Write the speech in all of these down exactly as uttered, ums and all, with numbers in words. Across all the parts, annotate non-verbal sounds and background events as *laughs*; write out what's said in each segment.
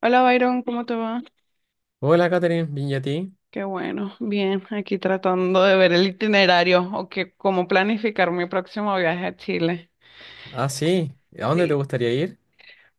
Hola Byron, ¿cómo te va? Hola, Katherine, bien, ¿y a ti? Qué bueno, bien, aquí tratando de ver el itinerario o que cómo planificar mi próximo viaje a Chile. Ah, sí, ¿a dónde te Sí. gustaría ir?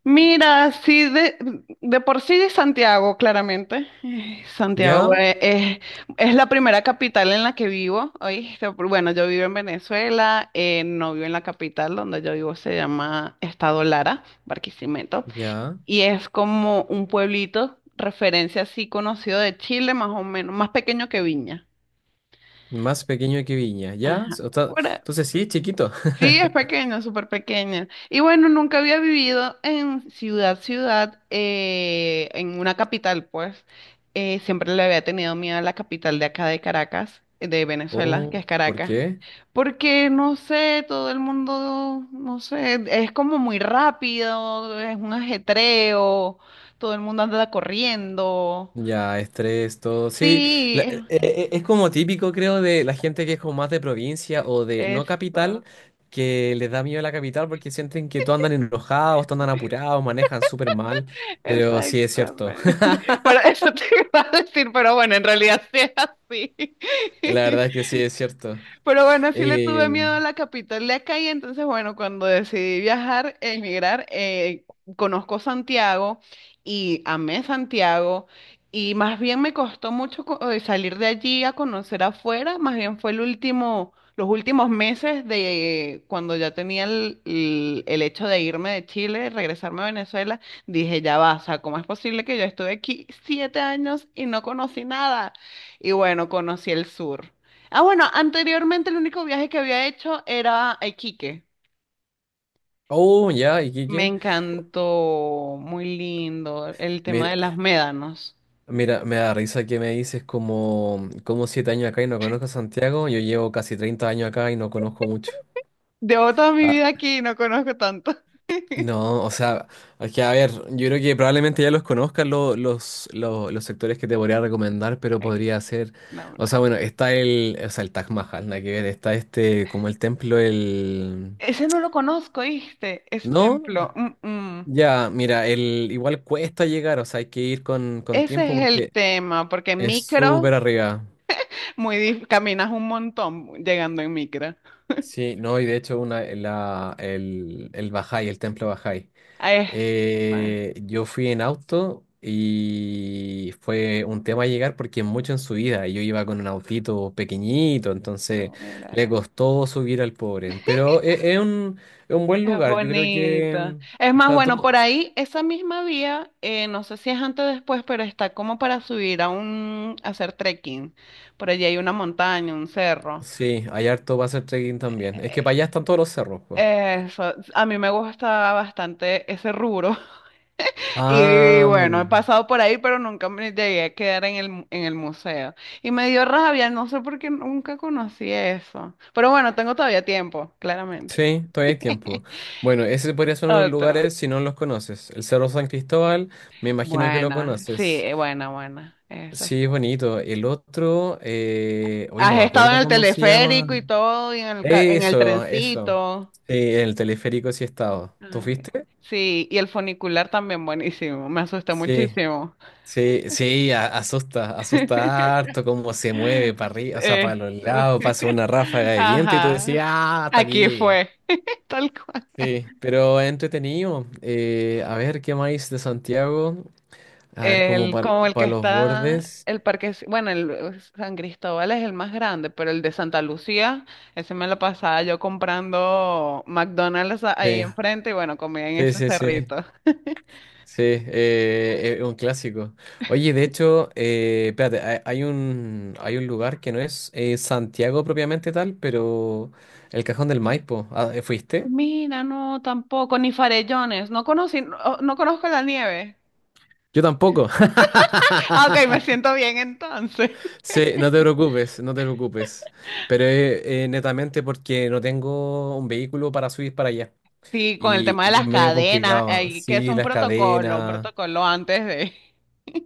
Mira, sí, de, de por sí de Santiago, claramente. Eh, Santiago Ya, eh, es, es la primera capital en la que vivo. ¿Oíste? Bueno, yo vivo en Venezuela, eh, no vivo en la capital donde yo vivo, se llama Estado Lara, Barquisimeto. ya, Y es como un pueblito, referencia así conocido de Chile, más o menos, más pequeño que Viña. más pequeño que Viña, ya, Ajá. s- o sea, Ahora, entonces sí, chiquito. *laughs* sí, es pequeño, súper pequeño. Y bueno, nunca había vivido en ciudad, ciudad, eh, en una capital, pues. Eh, siempre le había tenido miedo a la capital de acá de Caracas, de Venezuela, que Oh, es ¿por Caracas. qué? Porque no sé, todo el mundo, no sé, es como muy rápido, es un ajetreo, todo el mundo anda corriendo. Ya, estrés, todo, sí, la- Sí, e- e- es como típico, creo, de la gente que es como más de provincia o de es- no capital, eso, que les da miedo la capital porque sienten que todos andan enojados, todos andan apurados, manejan súper mal, pero sí es cierto, exactamente. *laughs* *laughs* Por eso te iba a decir, pero bueno, en realidad *laughs* sí es así. la verdad es *laughs* que sí es cierto. Pero bueno, sí le tuve Eh, miedo a la capital de acá y entonces, bueno, cuando decidí viajar, emigrar, eh, conozco Santiago y amé Santiago y más bien me costó mucho co- eh, salir de allí a conocer afuera, más bien fue el último, los últimos meses de cuando ya tenía el, el- el hecho de irme de Chile, regresarme a Venezuela, dije, ya va, o sea, ¿cómo es posible que yo estuve aquí siete años y no conocí nada? Y bueno, conocí el sur. Ah, bueno, anteriormente el único viaje que había hecho era a Iquique. oh, ya, ¿y qué? Me qué? encantó, muy lindo, el tema Me- de las médanos. Mira, me da risa que me dices como, como siete años acá y no conozco a Santiago. Yo llevo casi treinta años acá y no conozco mucho. Llevo toda mi Ah, vida aquí y no conozco tanto. no, o sea, es que a ver, yo creo que probablemente ya los conozcas lo- los, lo- los sectores que te podría *laughs* recomendar, pero Ay, qué podría ser, o sea, nombrar. bueno, está el, o sea, el Taj Mahal, nada que ver, está este, como el templo, el... Ese no lo conozco, ¿viste? Ese ¿No? templo. Mm, mm. Ya, mira, el, igual cuesta llegar, o sea, hay que ir con, con Ese tiempo es el porque tema, porque en es micro, súper arriba. muy dif- caminas un montón llegando en micro. Sí, no, y de hecho una, la, el, el Bajay, el templo Bajay. Ahí Eh, yo fui en auto y fue un tema llegar porque es mucho en subida. Y Yo iba con un autito pequeñito, entonces le está. costó subir al pobre. Pero e- es, un, es un buen Es lugar, yo creo bonita. que... Es más, o bueno, por todo- ahí, esa misma vía, eh, no sé si es antes o después, pero está como para subir a un, a hacer trekking. Por allí hay una montaña, un cerro. sí, hay harto para hacer trekking también. Es que para allá están todos los cerros, pues. Eso, a mí me gusta bastante ese rubro. *laughs* Y Ah. bueno, he pasado por ahí, pero nunca me llegué a quedar en el, mu- en el museo. Y me dio rabia, no sé por qué nunca conocí eso. Pero bueno, tengo todavía tiempo, claramente. Sí, todavía hay *laughs* tiempo. Bueno, ese podría ser unos Otro. lugares si no los conoces. El Cerro San Cristóbal, me imagino que lo Buena, sí, conoces. eh, buena, buena. Eso, Sí, es bonito. El otro, eh... hoy no has me estado en acuerdo el cómo se llama. teleférico y todo, y en el, ca- en el Eso, eso. trencito. Sí, el teleférico sí he estado. ¿Tú Ah, ok. fuiste? Sí, y el funicular también buenísimo. Me asusté Sí, muchísimo. sí, sí, a- asusta, asusta *laughs* harto cómo se mueve para arriba, o sea, Eh, para los lados, pasa una *laughs* ráfaga de viento y tú ajá. decías, ah, hasta aquí Aquí llegué. fue, *laughs* tal cual. Sí, pero es entretenido. Eh, a ver, ¿qué más de Santiago? A ver, como El, como el que para los está, bordes. el parque, bueno, el eh, San Cristóbal es el más grande, pero el de Santa Lucía, ese me lo pasaba yo comprando McDonald's a- ahí Sí, enfrente y bueno, comía en sí, ese sí, sí. cerrito. Sí, eh, es un clásico. Oye, de hecho, eh, espérate, hay, hay un, hay un lugar que no es eh, Santiago propiamente tal, pero el Cajón del Maipo. Ah, ¿eh, ¿fuiste? Mira, no, tampoco, ni farellones. No conocí, no, no conozco la nieve. *laughs* Yo tampoco. Ah, ok, me *laughs* siento bien entonces. *laughs* Sí, no te preocupes, no te preocupes. Pero eh, eh, netamente porque no tengo un vehículo para subir para allá. Sí, con el Y, tema de y es las medio cadenas, complicado. eh, que es Sí, un las protocolo, un cadenas. protocolo antes de.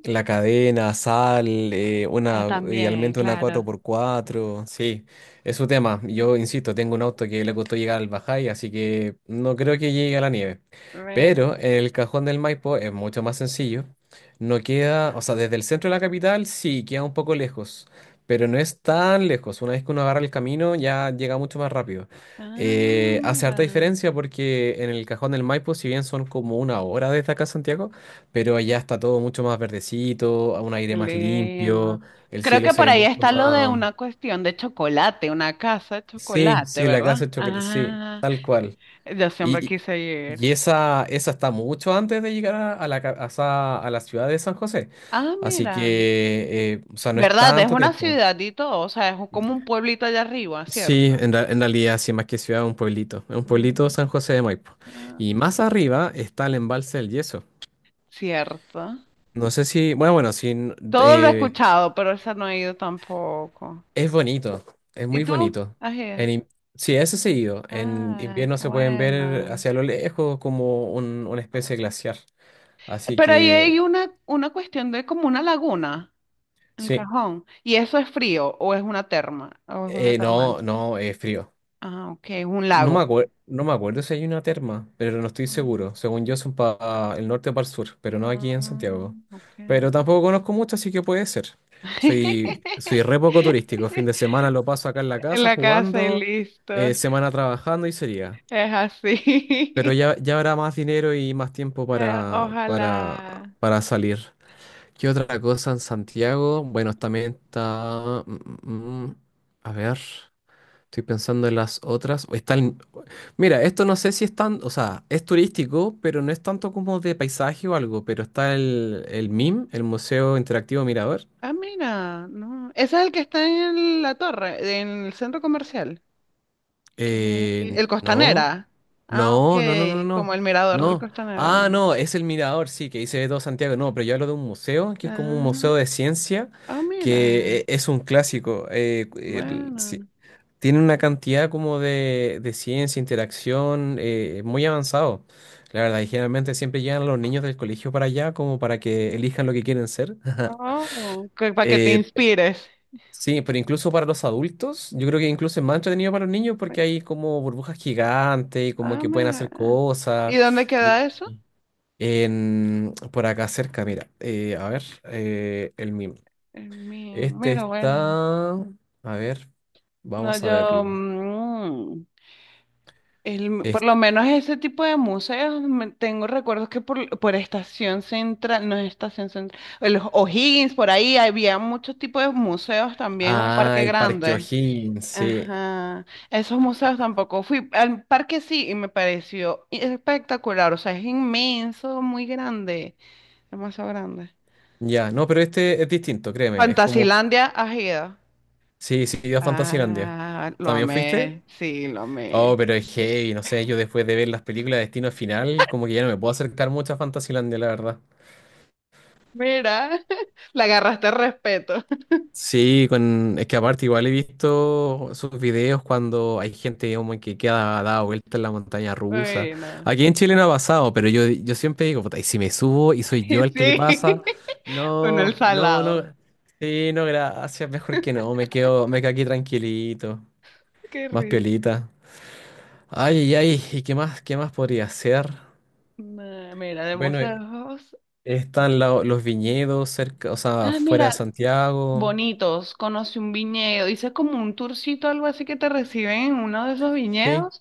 La cadena, sal, eh, Ah, una, también, idealmente una cuatro claro. por cuatro sí, es su tema. Yo insisto, tengo un auto que le costó llegar al Bajay, así que no creo que llegue a la nieve. Re- Pero en el Cajón del Maipo es mucho más sencillo. No queda, o sea, desde el centro de la capital sí, queda un poco lejos, pero no es tan lejos. Una vez que uno agarra el camino ya llega mucho más rápido. Ah, Eh, hace harta mira. diferencia porque en el Cajón del Maipo, si bien son como una hora desde acá a Santiago, pero allá está todo mucho más verdecito, a un aire Qué más limpio, lindo. el Creo cielo que se por ve ahí mucho está lo de más... una cuestión de chocolate, una casa de Sí, chocolate, sí, la casa ¿verdad? de chocolate, sí, Ah, tal cual. yo siempre Y, y- quise ir. y esa, esa está mucho antes de llegar a, a la, ca- a, esa- a la ciudad de San José. Ah, Así mira. que, eh, o sea, no es ¿Verdad? Es tanto una tiempo. ciudad y todo, o sea, es como un pueblito allá arriba, ¿cierto? Sí, en, ra- en realidad, sí, más que ciudad, es un pueblito. Es un Mm, pueblito San José de Maipo. ah, Y más arriba está el embalse del Yeso. cierto. No sé si, bueno, bueno, si Todo lo he eh, escuchado, pero esa no he ido tampoco. es bonito, es ¿Y muy tú? bonito. ¿Has ido? En, in- sí, eso es seguido. En Ay, invierno qué se pueden ver buena. hacia lo lejos como un- una especie de glaciar. Así Pero ahí hay que, una, una cuestión de como una laguna, el sí, Cajón. ¿Y eso es frío o es una terma o es una Eh, termal? no, no, es frío. Ah, ok, es un No me lago. acuerdo, no me acuerdo si hay una terma, pero no estoy seguro. Según yo son para el norte o para el sur, pero no aquí en Ah, Santiago. ok. Pero tampoco conozco mucho, así que puede ser. Soy, soy re poco turístico. Fin de *laughs* semana lo paso acá en la En casa la casa y jugando, listo. eh, semana trabajando y sería. Es Pero así. *laughs* ya, ya habrá más dinero y más tiempo Eh, para, para, ojalá. para salir. ¿Qué otra cosa en Santiago? Bueno, también está... mm, mm, mm, a ver, estoy pensando en las otras. Está el- mira, esto no sé si es tan... O sea, es turístico, pero no es tanto como de paisaje o algo. Pero está el, el M I M, el Museo Interactivo Mirador. Ah, mira, no. Ese es el que está en la torre, en el centro comercial. Que el Eh, no. Costanera. Ah, No, no, no, no, ok. no. Como el mirador del No. Costanera, Ah, ¿no? no, es el mirador, sí, que dice todo Santiago. No, pero yo hablo de un museo, que es como un Ah, museo de ciencia, ah, mira. que eh, es un clásico. Eh, el- sí, Bueno. tiene una cantidad como de, de ciencia, interacción, eh, muy avanzado. La verdad, y generalmente siempre llegan los niños del colegio para allá como para que elijan lo que quieren ser. *laughs* Oh, que, para que te, Sí. Eh, inspires. Sí, pero incluso para los adultos, yo creo que incluso es más entretenido para los niños porque hay como burbujas gigantes y como Ah, que pueden hacer mira. ¿Y cosas. dónde Y queda eso? en, por acá cerca, mira, eh, a ver, eh, el meme. En mi- Este Mira, bueno. está, a ver, No, vamos a yo. verlo. mm, El- por Es- lo menos ese tipo de museos, me- tengo recuerdos que por, por Estación Central, no es Estación Central, los O'Higgins, por ahí había muchos tipos de museos también, un ah, parque el Parque grande. O'Higgins, sí. Ajá, esos museos tampoco fui. Al parque sí, y me pareció espectacular, o sea, es inmenso, muy grande, demasiado grande. Ya, no, pero este es distinto, créeme, es como, Fantasilandia, ¿has ido? sí, sí, a Fantasilandia. Ah, lo ¿También fuiste? amé, sí, lo Oh, amé. pero es heavy, no sé, yo después de ver las películas de Destino Final, como que ya no me puedo acercar mucho a Fantasylandia, la verdad. Mira, *laughs* le agarraste respeto. *laughs* Sí, con, es que aparte igual he visto sus videos cuando hay gente como que queda dada vuelta en la montaña rusa. Bueno. Aquí en Chile no ha pasado, pero yo, yo siempre digo, puta, y si me subo y Sí, soy yo el que le pasa, *laughs* con el no, no, no, salado. sí, no, gracias, mejor que no, me quedo, me quedo aquí tranquilito, Qué más risa. piolita. Ay, ay, ay, ¿y qué más, qué más podría hacer? Nah, mira, de Bueno, mostrarlos. están la- los viñedos cerca, o sea, Ah, afuera de mira, Santiago. bonitos. Conocí un viñedo. Hice como un tourcito, algo así que te reciben en uno de esos Sí, viñedos.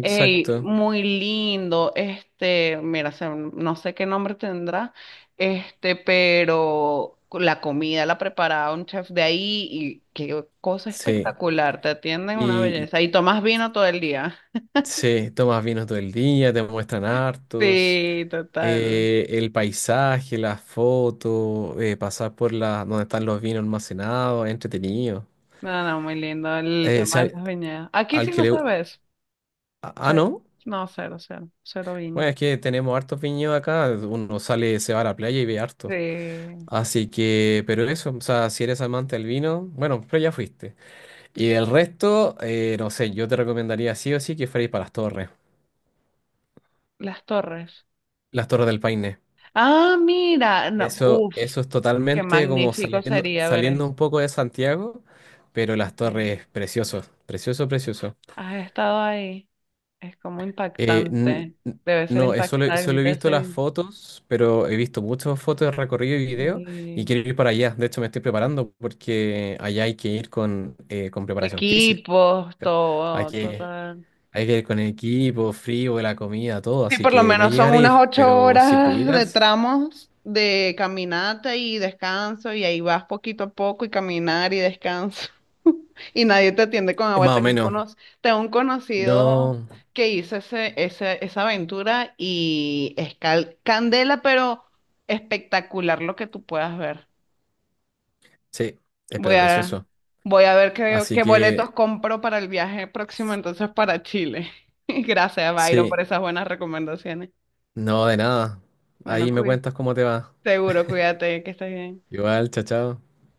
Ey, muy lindo. Este, mira, se- no sé qué nombre tendrá. Este, pero la comida la preparaba un chef de ahí y qué cosa Sí. espectacular. Te atienden una Y belleza. Y tomas vino todo el día. sí, tomas vino todo el día, te muestran hartos. Sí, total. Eh, el paisaje, las fotos, eh, pasar por la, donde están los vinos almacenados, es entretenido. No, no, muy lindo el Eh, si tema de al, las viñedas. Aquí al sí que lo le... gu- sabes. Ah, ah, Cero. no. No, cero, cero. Cero viña. Bueno, es que tenemos hartos viñedos acá. Uno sale, se va a la playa y ve hartos. De Así que, pero eso, o sea, si eres amante del vino, bueno, pero ya fuiste. Y del resto, eh, no sé, yo te recomendaría sí o sí que fuerais para las torres, las torres. las torres del Paine. Ah, mira. No, Eso, uf, eso es qué totalmente como magnífico saliendo, sería ver saliendo eso. un poco de Santiago, pero las Eh, torres, precioso, precioso, precioso. Has estado ahí. Es como Eh, n- impactante. n- Debe ser no, eh, solo, solo he impactante visto las ese, fotos, pero he visto muchas fotos de recorrido y video y eh, quiero ir para allá. De hecho, me estoy preparando porque allá hay que ir con, eh, con preparación física. equipos, Hay todo, todo. que, Hay que ir con el equipo, frío, la comida, todo, Sí, así por lo que no menos llegar son a unas ir, ocho pero si horas de pudieras, tramos de caminata y descanso, y ahí vas poquito a poco y caminar y descanso, *laughs* y nadie te atiende con eh, agua. más o Tengo un, menos, cono- tengo un conocido no, que hizo ese, ese, esa aventura y es cal- candela, pero espectacular lo que tú puedas ver. sí, eh, Voy pero a, precioso. voy a ver qué, Así qué que, boletos compro para el viaje próximo entonces para Chile. *laughs* Gracias, Byron, por sí, esas buenas recomendaciones. no de nada. Bueno, Ahí me cuí. cuentas cómo te va. Seguro, cuídate, que estés bien. Igual, chao, chao.